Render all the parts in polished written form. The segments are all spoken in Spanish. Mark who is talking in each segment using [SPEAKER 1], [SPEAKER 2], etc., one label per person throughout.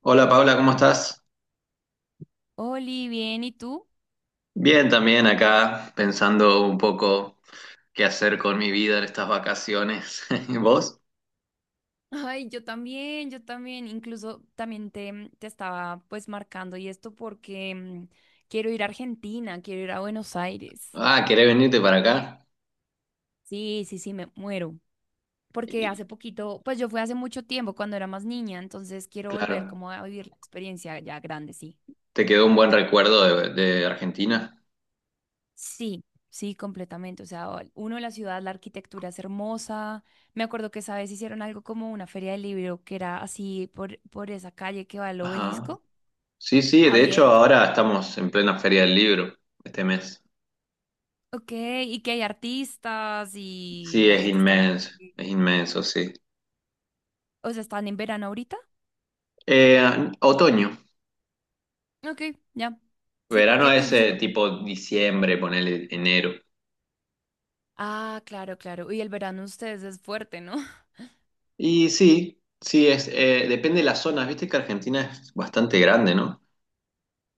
[SPEAKER 1] Hola Paula, ¿cómo estás?
[SPEAKER 2] Oli, bien, ¿y tú?
[SPEAKER 1] Bien, también acá pensando un poco qué hacer con mi vida en estas vacaciones. ¿Vos?
[SPEAKER 2] Ay, yo también, incluso también te estaba pues marcando y esto porque quiero ir a Argentina, quiero ir a Buenos Aires.
[SPEAKER 1] Ah, ¿querés venirte para acá?
[SPEAKER 2] Sí, sí, sí, me muero. Porque
[SPEAKER 1] Y,
[SPEAKER 2] hace poquito, pues yo fui hace mucho tiempo cuando era más niña, entonces quiero volver
[SPEAKER 1] claro,
[SPEAKER 2] como a vivir la experiencia ya grande, sí.
[SPEAKER 1] ¿te quedó un buen recuerdo de Argentina?
[SPEAKER 2] Sí, sí, completamente. O sea, uno, la ciudad, la arquitectura es hermosa. Me acuerdo que esa vez hicieron algo como una feria del libro que era así por esa calle que va al
[SPEAKER 1] Ajá.
[SPEAKER 2] obelisco.
[SPEAKER 1] Sí, sí, de hecho
[SPEAKER 2] Abierto.
[SPEAKER 1] ahora estamos en plena Feria del Libro este mes.
[SPEAKER 2] Ok, y que hay artistas y
[SPEAKER 1] Sí,
[SPEAKER 2] la gente está en la calle.
[SPEAKER 1] es inmenso, sí.
[SPEAKER 2] O sea, ¿están en verano ahorita?
[SPEAKER 1] Eh, Otoño,
[SPEAKER 2] Ok, ya. Sí,
[SPEAKER 1] verano
[SPEAKER 2] porque,
[SPEAKER 1] es
[SPEAKER 2] uy, sí, porque...
[SPEAKER 1] tipo diciembre, ponele enero.
[SPEAKER 2] Ah, claro, claro. Uy, el verano ustedes es fuerte, ¿no?
[SPEAKER 1] Y sí, sí, es, depende de las zonas. Viste que Argentina es bastante grande, ¿no?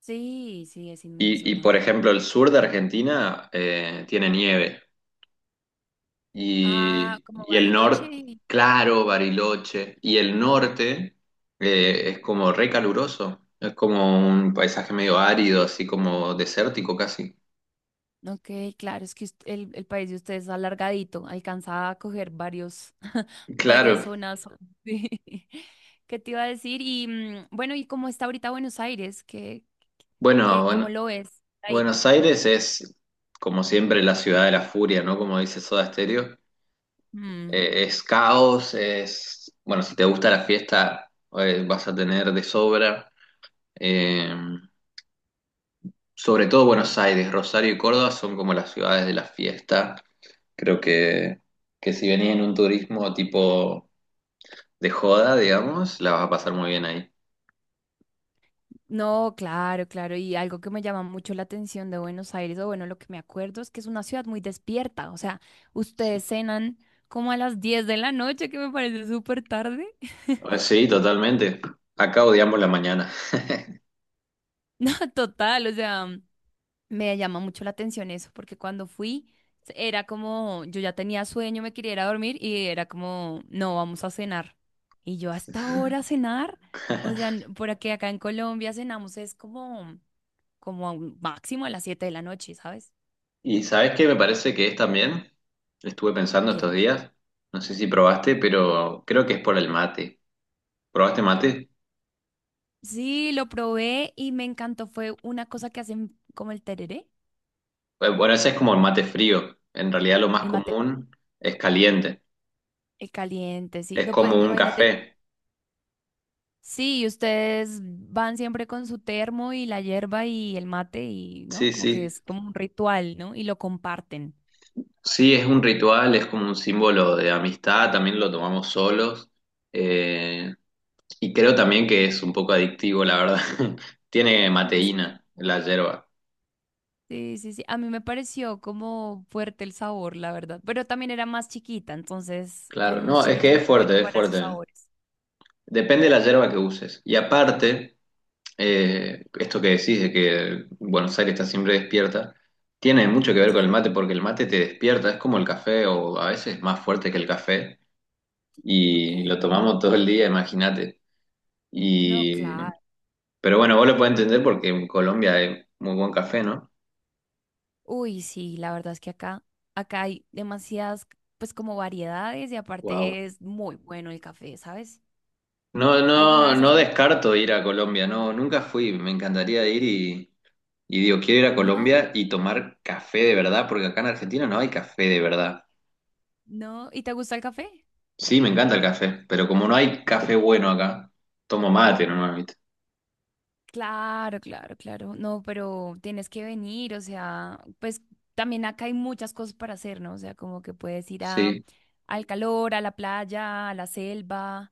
[SPEAKER 2] Sí, sí, es inmenso,
[SPEAKER 1] Por
[SPEAKER 2] ajá.
[SPEAKER 1] ejemplo, el sur de Argentina tiene nieve.
[SPEAKER 2] Ah,
[SPEAKER 1] Y,
[SPEAKER 2] como
[SPEAKER 1] y el norte,
[SPEAKER 2] Bariloche.
[SPEAKER 1] claro, Bariloche. Y el norte es como re caluroso. Es como un paisaje medio árido, así como desértico casi.
[SPEAKER 2] Ok, claro, es que el país de ustedes es alargadito, alcanza a coger varios, varias
[SPEAKER 1] Claro.
[SPEAKER 2] zonas. Sí. ¿Qué te iba a decir? Y bueno, ¿y cómo está ahorita Buenos Aires?
[SPEAKER 1] Bueno,
[SPEAKER 2] Cómo
[SPEAKER 1] bueno,
[SPEAKER 2] lo ves?
[SPEAKER 1] Buenos Aires es, como siempre, la ciudad de la furia, ¿no? Como dice Soda Stereo.
[SPEAKER 2] Mm.
[SPEAKER 1] Es caos, es, bueno, si te gusta la fiesta, vas a tener de sobra. Eh, Sobre todo Buenos Aires, Rosario y Córdoba son como las ciudades de la fiesta. Creo que si venís en un turismo tipo de joda, digamos, la vas a pasar muy bien ahí.
[SPEAKER 2] No, claro, claro. Y algo que me llama mucho la atención de Buenos Aires, o bueno, lo que me acuerdo es que es una ciudad muy despierta. O sea,
[SPEAKER 1] Sí,
[SPEAKER 2] ustedes cenan como a las 10 de la noche, que me parece súper tarde.
[SPEAKER 1] Sí, totalmente. Acá odiamos la mañana.
[SPEAKER 2] No, total, o sea, me llama mucho la atención eso, porque cuando fui era como, yo ya tenía sueño, me quería ir a dormir y era como, no, vamos a cenar. Y yo hasta ahora cenar, o sea, por aquí acá en Colombia cenamos es como, como a un máximo a las 7 de la noche, ¿sabes?
[SPEAKER 1] ¿Y sabes qué me parece que es también? Estuve pensando
[SPEAKER 2] ¿Qué?
[SPEAKER 1] estos días, no sé si probaste, pero creo que es por el mate. ¿Probaste mate?
[SPEAKER 2] Sí, lo probé y me encantó. Fue una cosa que hacen como el tereré,
[SPEAKER 1] Bueno, ese es como el mate frío. En realidad lo más
[SPEAKER 2] el mate
[SPEAKER 1] común es caliente.
[SPEAKER 2] el caliente, sí.
[SPEAKER 1] Es
[SPEAKER 2] No, pues
[SPEAKER 1] como un
[SPEAKER 2] imagínate,
[SPEAKER 1] café.
[SPEAKER 2] sí, ustedes van siempre con su termo y la hierba y el mate y, ¿no?
[SPEAKER 1] Sí,
[SPEAKER 2] Como que
[SPEAKER 1] sí.
[SPEAKER 2] es como un ritual, ¿no? Y lo comparten.
[SPEAKER 1] Sí, es un ritual, es como un símbolo de amistad. También lo tomamos solos. Eh, y creo también que es un poco adictivo, la verdad. Tiene mateína la yerba.
[SPEAKER 2] Sí, sí, sí. A mí me pareció como fuerte el sabor, la verdad. Pero también era más chiquita, entonces
[SPEAKER 1] Claro,
[SPEAKER 2] cuando uno es
[SPEAKER 1] no, es
[SPEAKER 2] chiquito
[SPEAKER 1] que
[SPEAKER 2] no
[SPEAKER 1] es
[SPEAKER 2] es bueno
[SPEAKER 1] fuerte, es
[SPEAKER 2] para sus
[SPEAKER 1] fuerte.
[SPEAKER 2] sabores.
[SPEAKER 1] Depende de la
[SPEAKER 2] Sí.
[SPEAKER 1] yerba que uses. Y aparte... esto que decís de que Buenos Aires está siempre despierta, tiene mucho que ver con el
[SPEAKER 2] Sí,
[SPEAKER 1] mate porque el mate te despierta, es como el café o a veces más fuerte que el café
[SPEAKER 2] ok.
[SPEAKER 1] y lo tomamos todo el día, imagínate.
[SPEAKER 2] No,
[SPEAKER 1] Y,
[SPEAKER 2] claro.
[SPEAKER 1] pero bueno, vos lo podés entender porque en Colombia hay muy buen café, ¿no?
[SPEAKER 2] Uy, sí, la verdad es que acá, acá hay demasiadas, pues como variedades y
[SPEAKER 1] Wow.
[SPEAKER 2] aparte es muy bueno el café, ¿sabes?
[SPEAKER 1] No,
[SPEAKER 2] ¿Alguna
[SPEAKER 1] no,
[SPEAKER 2] vez has
[SPEAKER 1] no
[SPEAKER 2] venido?
[SPEAKER 1] descarto ir a Colombia, no, nunca fui, me encantaría ir y digo, quiero ir a
[SPEAKER 2] No,
[SPEAKER 1] Colombia y tomar café de verdad porque acá en Argentina no hay café de verdad.
[SPEAKER 2] no. ¿Y te gusta el café?
[SPEAKER 1] Sí, me encanta el café, pero como no hay café bueno acá, tomo mate nomás, ¿viste?
[SPEAKER 2] Claro, claro, claro. No, pero tienes que venir, o sea, pues también acá hay muchas cosas para hacer, ¿no? O sea, como que puedes ir a,
[SPEAKER 1] Sí.
[SPEAKER 2] al calor, a la playa, a la selva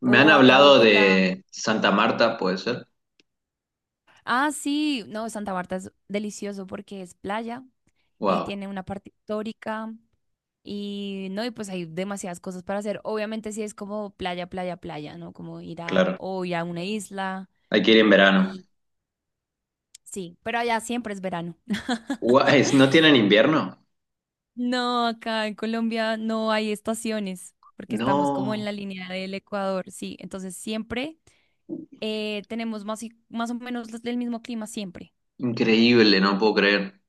[SPEAKER 1] Me han
[SPEAKER 2] o acá a
[SPEAKER 1] hablado
[SPEAKER 2] Bogotá.
[SPEAKER 1] de Santa Marta, ¿puede ser?
[SPEAKER 2] Ah, sí, no, Santa Marta es delicioso porque es playa y
[SPEAKER 1] Wow,
[SPEAKER 2] tiene una parte histórica. Y no, y pues hay demasiadas cosas para hacer. Obviamente sí es como playa, playa, playa, ¿no? Como ir a
[SPEAKER 1] claro.
[SPEAKER 2] hoy a una isla
[SPEAKER 1] Hay que ir en verano.
[SPEAKER 2] y sí, pero allá siempre es verano.
[SPEAKER 1] Guay, ¿no tienen invierno?
[SPEAKER 2] No, acá en Colombia no hay estaciones porque estamos como en
[SPEAKER 1] No,
[SPEAKER 2] la línea del Ecuador, sí. Entonces siempre tenemos más, más o menos el mismo clima siempre.
[SPEAKER 1] increíble, no puedo creer.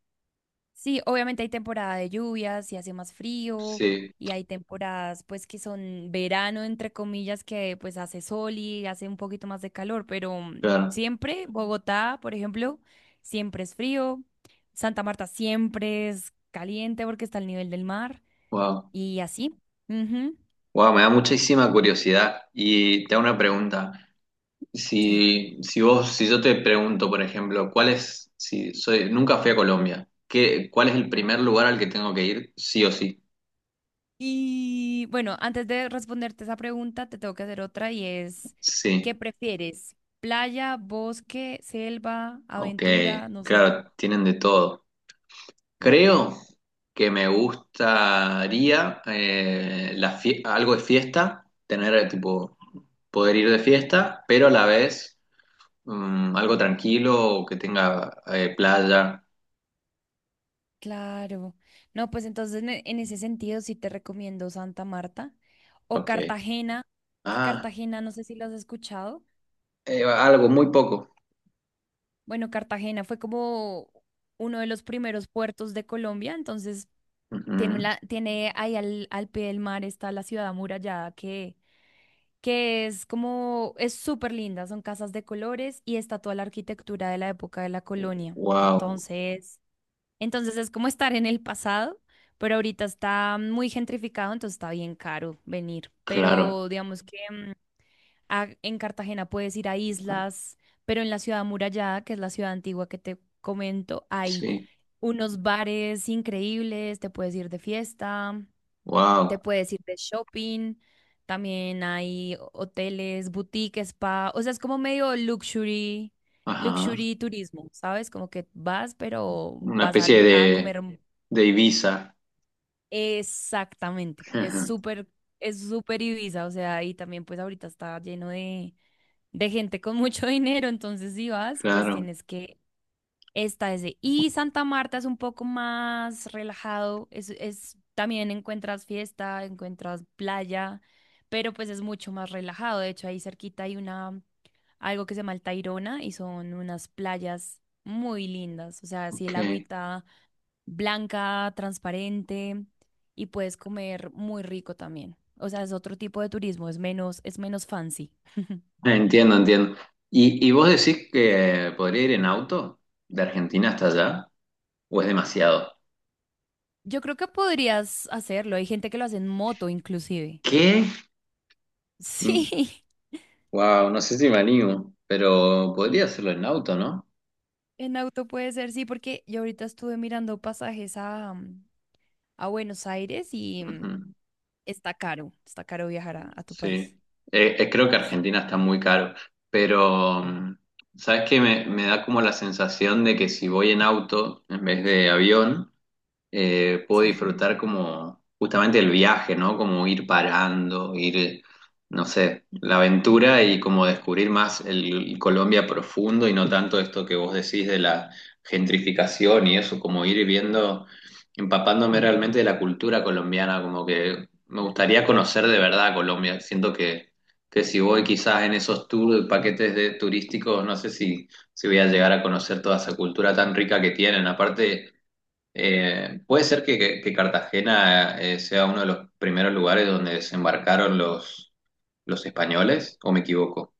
[SPEAKER 2] Sí, obviamente hay temporada de lluvias y hace más frío
[SPEAKER 1] Sí,
[SPEAKER 2] y hay temporadas pues que son verano entre comillas que pues hace sol y hace un poquito más de calor, pero
[SPEAKER 1] claro.
[SPEAKER 2] siempre Bogotá, por ejemplo, siempre es frío, Santa Marta siempre es caliente porque está al nivel del mar
[SPEAKER 1] Wow.
[SPEAKER 2] y así. Ujú,
[SPEAKER 1] Wow, me da muchísima curiosidad. Y te hago una pregunta.
[SPEAKER 2] sí.
[SPEAKER 1] Si, si yo te pregunto, por ejemplo, si soy, nunca fui a Colombia, ¿cuál es el primer lugar al que tengo que ir, sí o sí?
[SPEAKER 2] Y bueno, antes de responderte esa pregunta, te tengo que hacer otra y es,
[SPEAKER 1] Sí,
[SPEAKER 2] ¿qué prefieres? ¿Playa, bosque, selva,
[SPEAKER 1] ok,
[SPEAKER 2] aventura? No sé.
[SPEAKER 1] claro, tienen de todo.
[SPEAKER 2] Sí,
[SPEAKER 1] Creo que me gustaría algo de fiesta, tener tipo poder ir de fiesta, pero a la vez algo tranquilo que tenga playa.
[SPEAKER 2] claro. No, pues entonces en ese sentido sí te recomiendo Santa Marta o
[SPEAKER 1] Ok.
[SPEAKER 2] Cartagena, que
[SPEAKER 1] Ah,
[SPEAKER 2] Cartagena, no sé si lo has escuchado.
[SPEAKER 1] algo muy poco.
[SPEAKER 2] Bueno, Cartagena fue como uno de los primeros puertos de Colombia, entonces tiene, la, tiene ahí al pie del mar está la ciudad amurallada que es como, es súper linda, son casas de colores y está toda la arquitectura de la época de la colonia.
[SPEAKER 1] Wow,
[SPEAKER 2] Entonces... entonces es como estar en el pasado, pero ahorita está muy gentrificado, entonces está bien caro venir.
[SPEAKER 1] claro,
[SPEAKER 2] Pero digamos que en Cartagena puedes ir a islas, pero en la ciudad amurallada, que es la ciudad antigua que te comento, hay
[SPEAKER 1] sí,
[SPEAKER 2] unos bares increíbles, te puedes ir de fiesta, te
[SPEAKER 1] wow,
[SPEAKER 2] puedes ir de shopping, también hay hoteles, boutique, spa, o sea, es como medio luxury.
[SPEAKER 1] ajá,
[SPEAKER 2] Luxury turismo, ¿sabes? Como que vas, pero
[SPEAKER 1] una
[SPEAKER 2] vas a,
[SPEAKER 1] especie
[SPEAKER 2] a comer.
[SPEAKER 1] de Ibiza.
[SPEAKER 2] Exactamente, es súper Ibiza, o sea, y también pues ahorita está lleno de gente con mucho dinero, entonces si vas, pues
[SPEAKER 1] Claro,
[SPEAKER 2] tienes que, esta es de, y Santa Marta es un poco más relajado, es, también encuentras fiesta, encuentras playa, pero pues es mucho más relajado, de hecho ahí cerquita hay una, algo que se llama el Tayrona y son unas playas muy lindas, o sea, si el
[SPEAKER 1] ok.
[SPEAKER 2] agüita blanca, transparente y puedes comer muy rico también. O sea, es otro tipo de turismo, es menos fancy.
[SPEAKER 1] Entiendo, entiendo. ¿Y vos decís que podría ir en auto de Argentina hasta allá? ¿O es demasiado?
[SPEAKER 2] Yo creo que podrías hacerlo. Hay gente que lo hace en moto, inclusive.
[SPEAKER 1] ¿Qué?
[SPEAKER 2] Sí,
[SPEAKER 1] Wow, no sé si me animo, pero
[SPEAKER 2] Mm,
[SPEAKER 1] podría hacerlo en auto, ¿no?
[SPEAKER 2] en auto puede ser, sí, porque yo ahorita estuve mirando pasajes a, a Buenos Aires y
[SPEAKER 1] Ujú,
[SPEAKER 2] está caro viajar a tu
[SPEAKER 1] sí.
[SPEAKER 2] país.
[SPEAKER 1] Creo que
[SPEAKER 2] S-
[SPEAKER 1] Argentina está muy caro, pero ¿sabes qué? Me da como la sensación de que si voy en auto en vez de avión, puedo
[SPEAKER 2] sí,
[SPEAKER 1] disfrutar como justamente el viaje, ¿no? Como ir parando, ir, no sé, la aventura y como descubrir más el Colombia profundo y no tanto esto que vos decís de la gentrificación y eso, como ir viendo, empapándome realmente de la cultura colombiana, como que me gustaría conocer de verdad Colombia. Siento que si voy quizás en esos tours, paquetes de turísticos, no sé si, si voy a llegar a conocer toda esa cultura tan rica que tienen. Aparte, puede ser que Cartagena sea uno de los primeros lugares donde desembarcaron los españoles, ¿o me equivoco?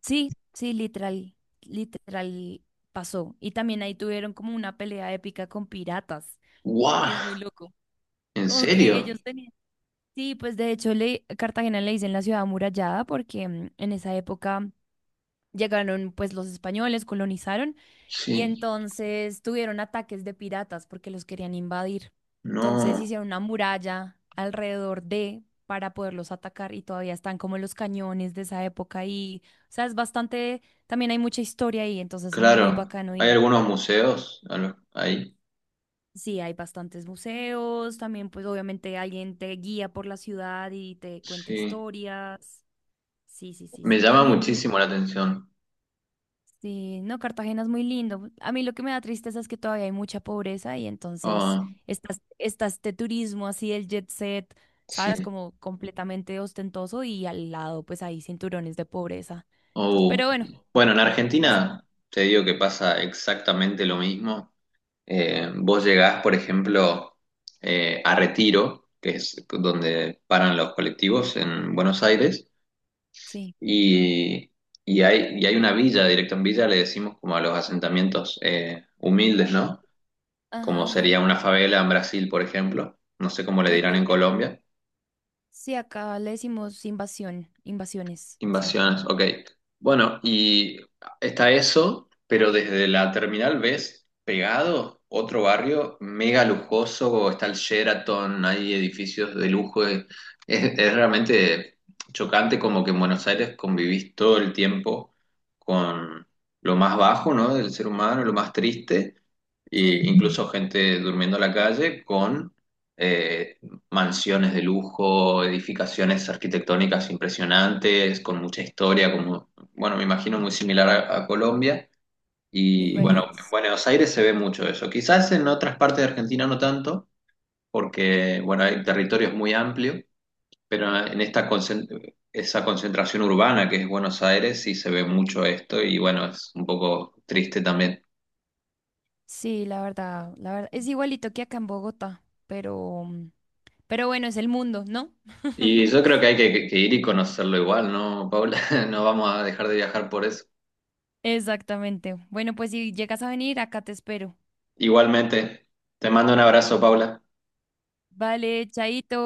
[SPEAKER 2] sí, sí, literal, literal pasó. Y también ahí tuvieron como una pelea épica con piratas.
[SPEAKER 1] ¡Guau!
[SPEAKER 2] Es muy loco.
[SPEAKER 1] ¿En
[SPEAKER 2] Como que
[SPEAKER 1] serio?
[SPEAKER 2] ellos tenían. Sí, pues de hecho le, Cartagena le dicen la ciudad amurallada porque en esa época llegaron pues los españoles, colonizaron y
[SPEAKER 1] Sí,
[SPEAKER 2] entonces tuvieron ataques de piratas porque los querían invadir. Entonces
[SPEAKER 1] no,
[SPEAKER 2] hicieron una muralla alrededor de para poderlos atacar y todavía están como los cañones de esa época y, o sea, es bastante, también hay mucha historia ahí, entonces muy
[SPEAKER 1] claro.
[SPEAKER 2] bacano.
[SPEAKER 1] Hay algunos museos ahí.
[SPEAKER 2] Sí, hay bastantes museos, también pues obviamente alguien te guía por la ciudad y te cuenta
[SPEAKER 1] Sí,
[SPEAKER 2] historias. Sí, sí, sí,
[SPEAKER 1] me
[SPEAKER 2] sí.
[SPEAKER 1] llama
[SPEAKER 2] También,
[SPEAKER 1] muchísimo la atención.
[SPEAKER 2] sí, no, Cartagena es muy lindo. A mí lo que me da tristeza es que todavía hay mucha pobreza y entonces
[SPEAKER 1] Ah,
[SPEAKER 2] está, está este turismo así, el jet set,
[SPEAKER 1] sí.
[SPEAKER 2] ¿sabes? Como completamente ostentoso y al lado pues hay cinturones de pobreza. Entonces,
[SPEAKER 1] Oh.
[SPEAKER 2] pero bueno,
[SPEAKER 1] Bueno, en
[SPEAKER 2] pasan.
[SPEAKER 1] Argentina te digo que pasa exactamente lo mismo. Vos llegás, por ejemplo, a Retiro, que es donde paran los colectivos en Buenos Aires,
[SPEAKER 2] Sí.
[SPEAKER 1] y, y hay una villa, directo en villa le decimos como a los asentamientos humildes, ¿no?
[SPEAKER 2] Ajá,
[SPEAKER 1] Como sería
[SPEAKER 2] ajá.
[SPEAKER 1] una favela en Brasil, por ejemplo, no sé cómo le
[SPEAKER 2] Ok,
[SPEAKER 1] dirán en
[SPEAKER 2] ya.
[SPEAKER 1] Colombia,
[SPEAKER 2] Sí, acá le decimos invasión, invasiones, sí.
[SPEAKER 1] Invasiones, ok. Bueno, y está eso, pero desde la terminal ves pegado otro barrio mega lujoso, está el Sheraton, hay edificios de lujo, es, es realmente chocante como que en Buenos Aires convivís todo el tiempo con lo más bajo, ¿no? Del ser humano, lo más triste. Y
[SPEAKER 2] Sí.
[SPEAKER 1] incluso gente durmiendo en la calle con eh, mansiones de lujo, edificaciones arquitectónicas impresionantes, con mucha historia, como, bueno, me imagino muy similar a Colombia. Y bueno, en
[SPEAKER 2] Igualito.
[SPEAKER 1] Buenos Aires se ve mucho eso. Quizás en otras partes de Argentina no tanto, porque, bueno, el territorio es muy amplio, pero en esta esa concentración urbana que es Buenos Aires sí se ve mucho esto y, bueno, es un poco triste también.
[SPEAKER 2] Sí, la verdad, es igualito que acá en Bogotá, pero, pero bueno, es el mundo, ¿no?
[SPEAKER 1] Y yo creo que hay que ir y conocerlo igual, ¿no, Paula? No vamos a dejar de viajar por eso.
[SPEAKER 2] Exactamente. Bueno, pues si llegas a venir, acá te espero.
[SPEAKER 1] Igualmente, te mando un abrazo, Paula.
[SPEAKER 2] Vale, chaito.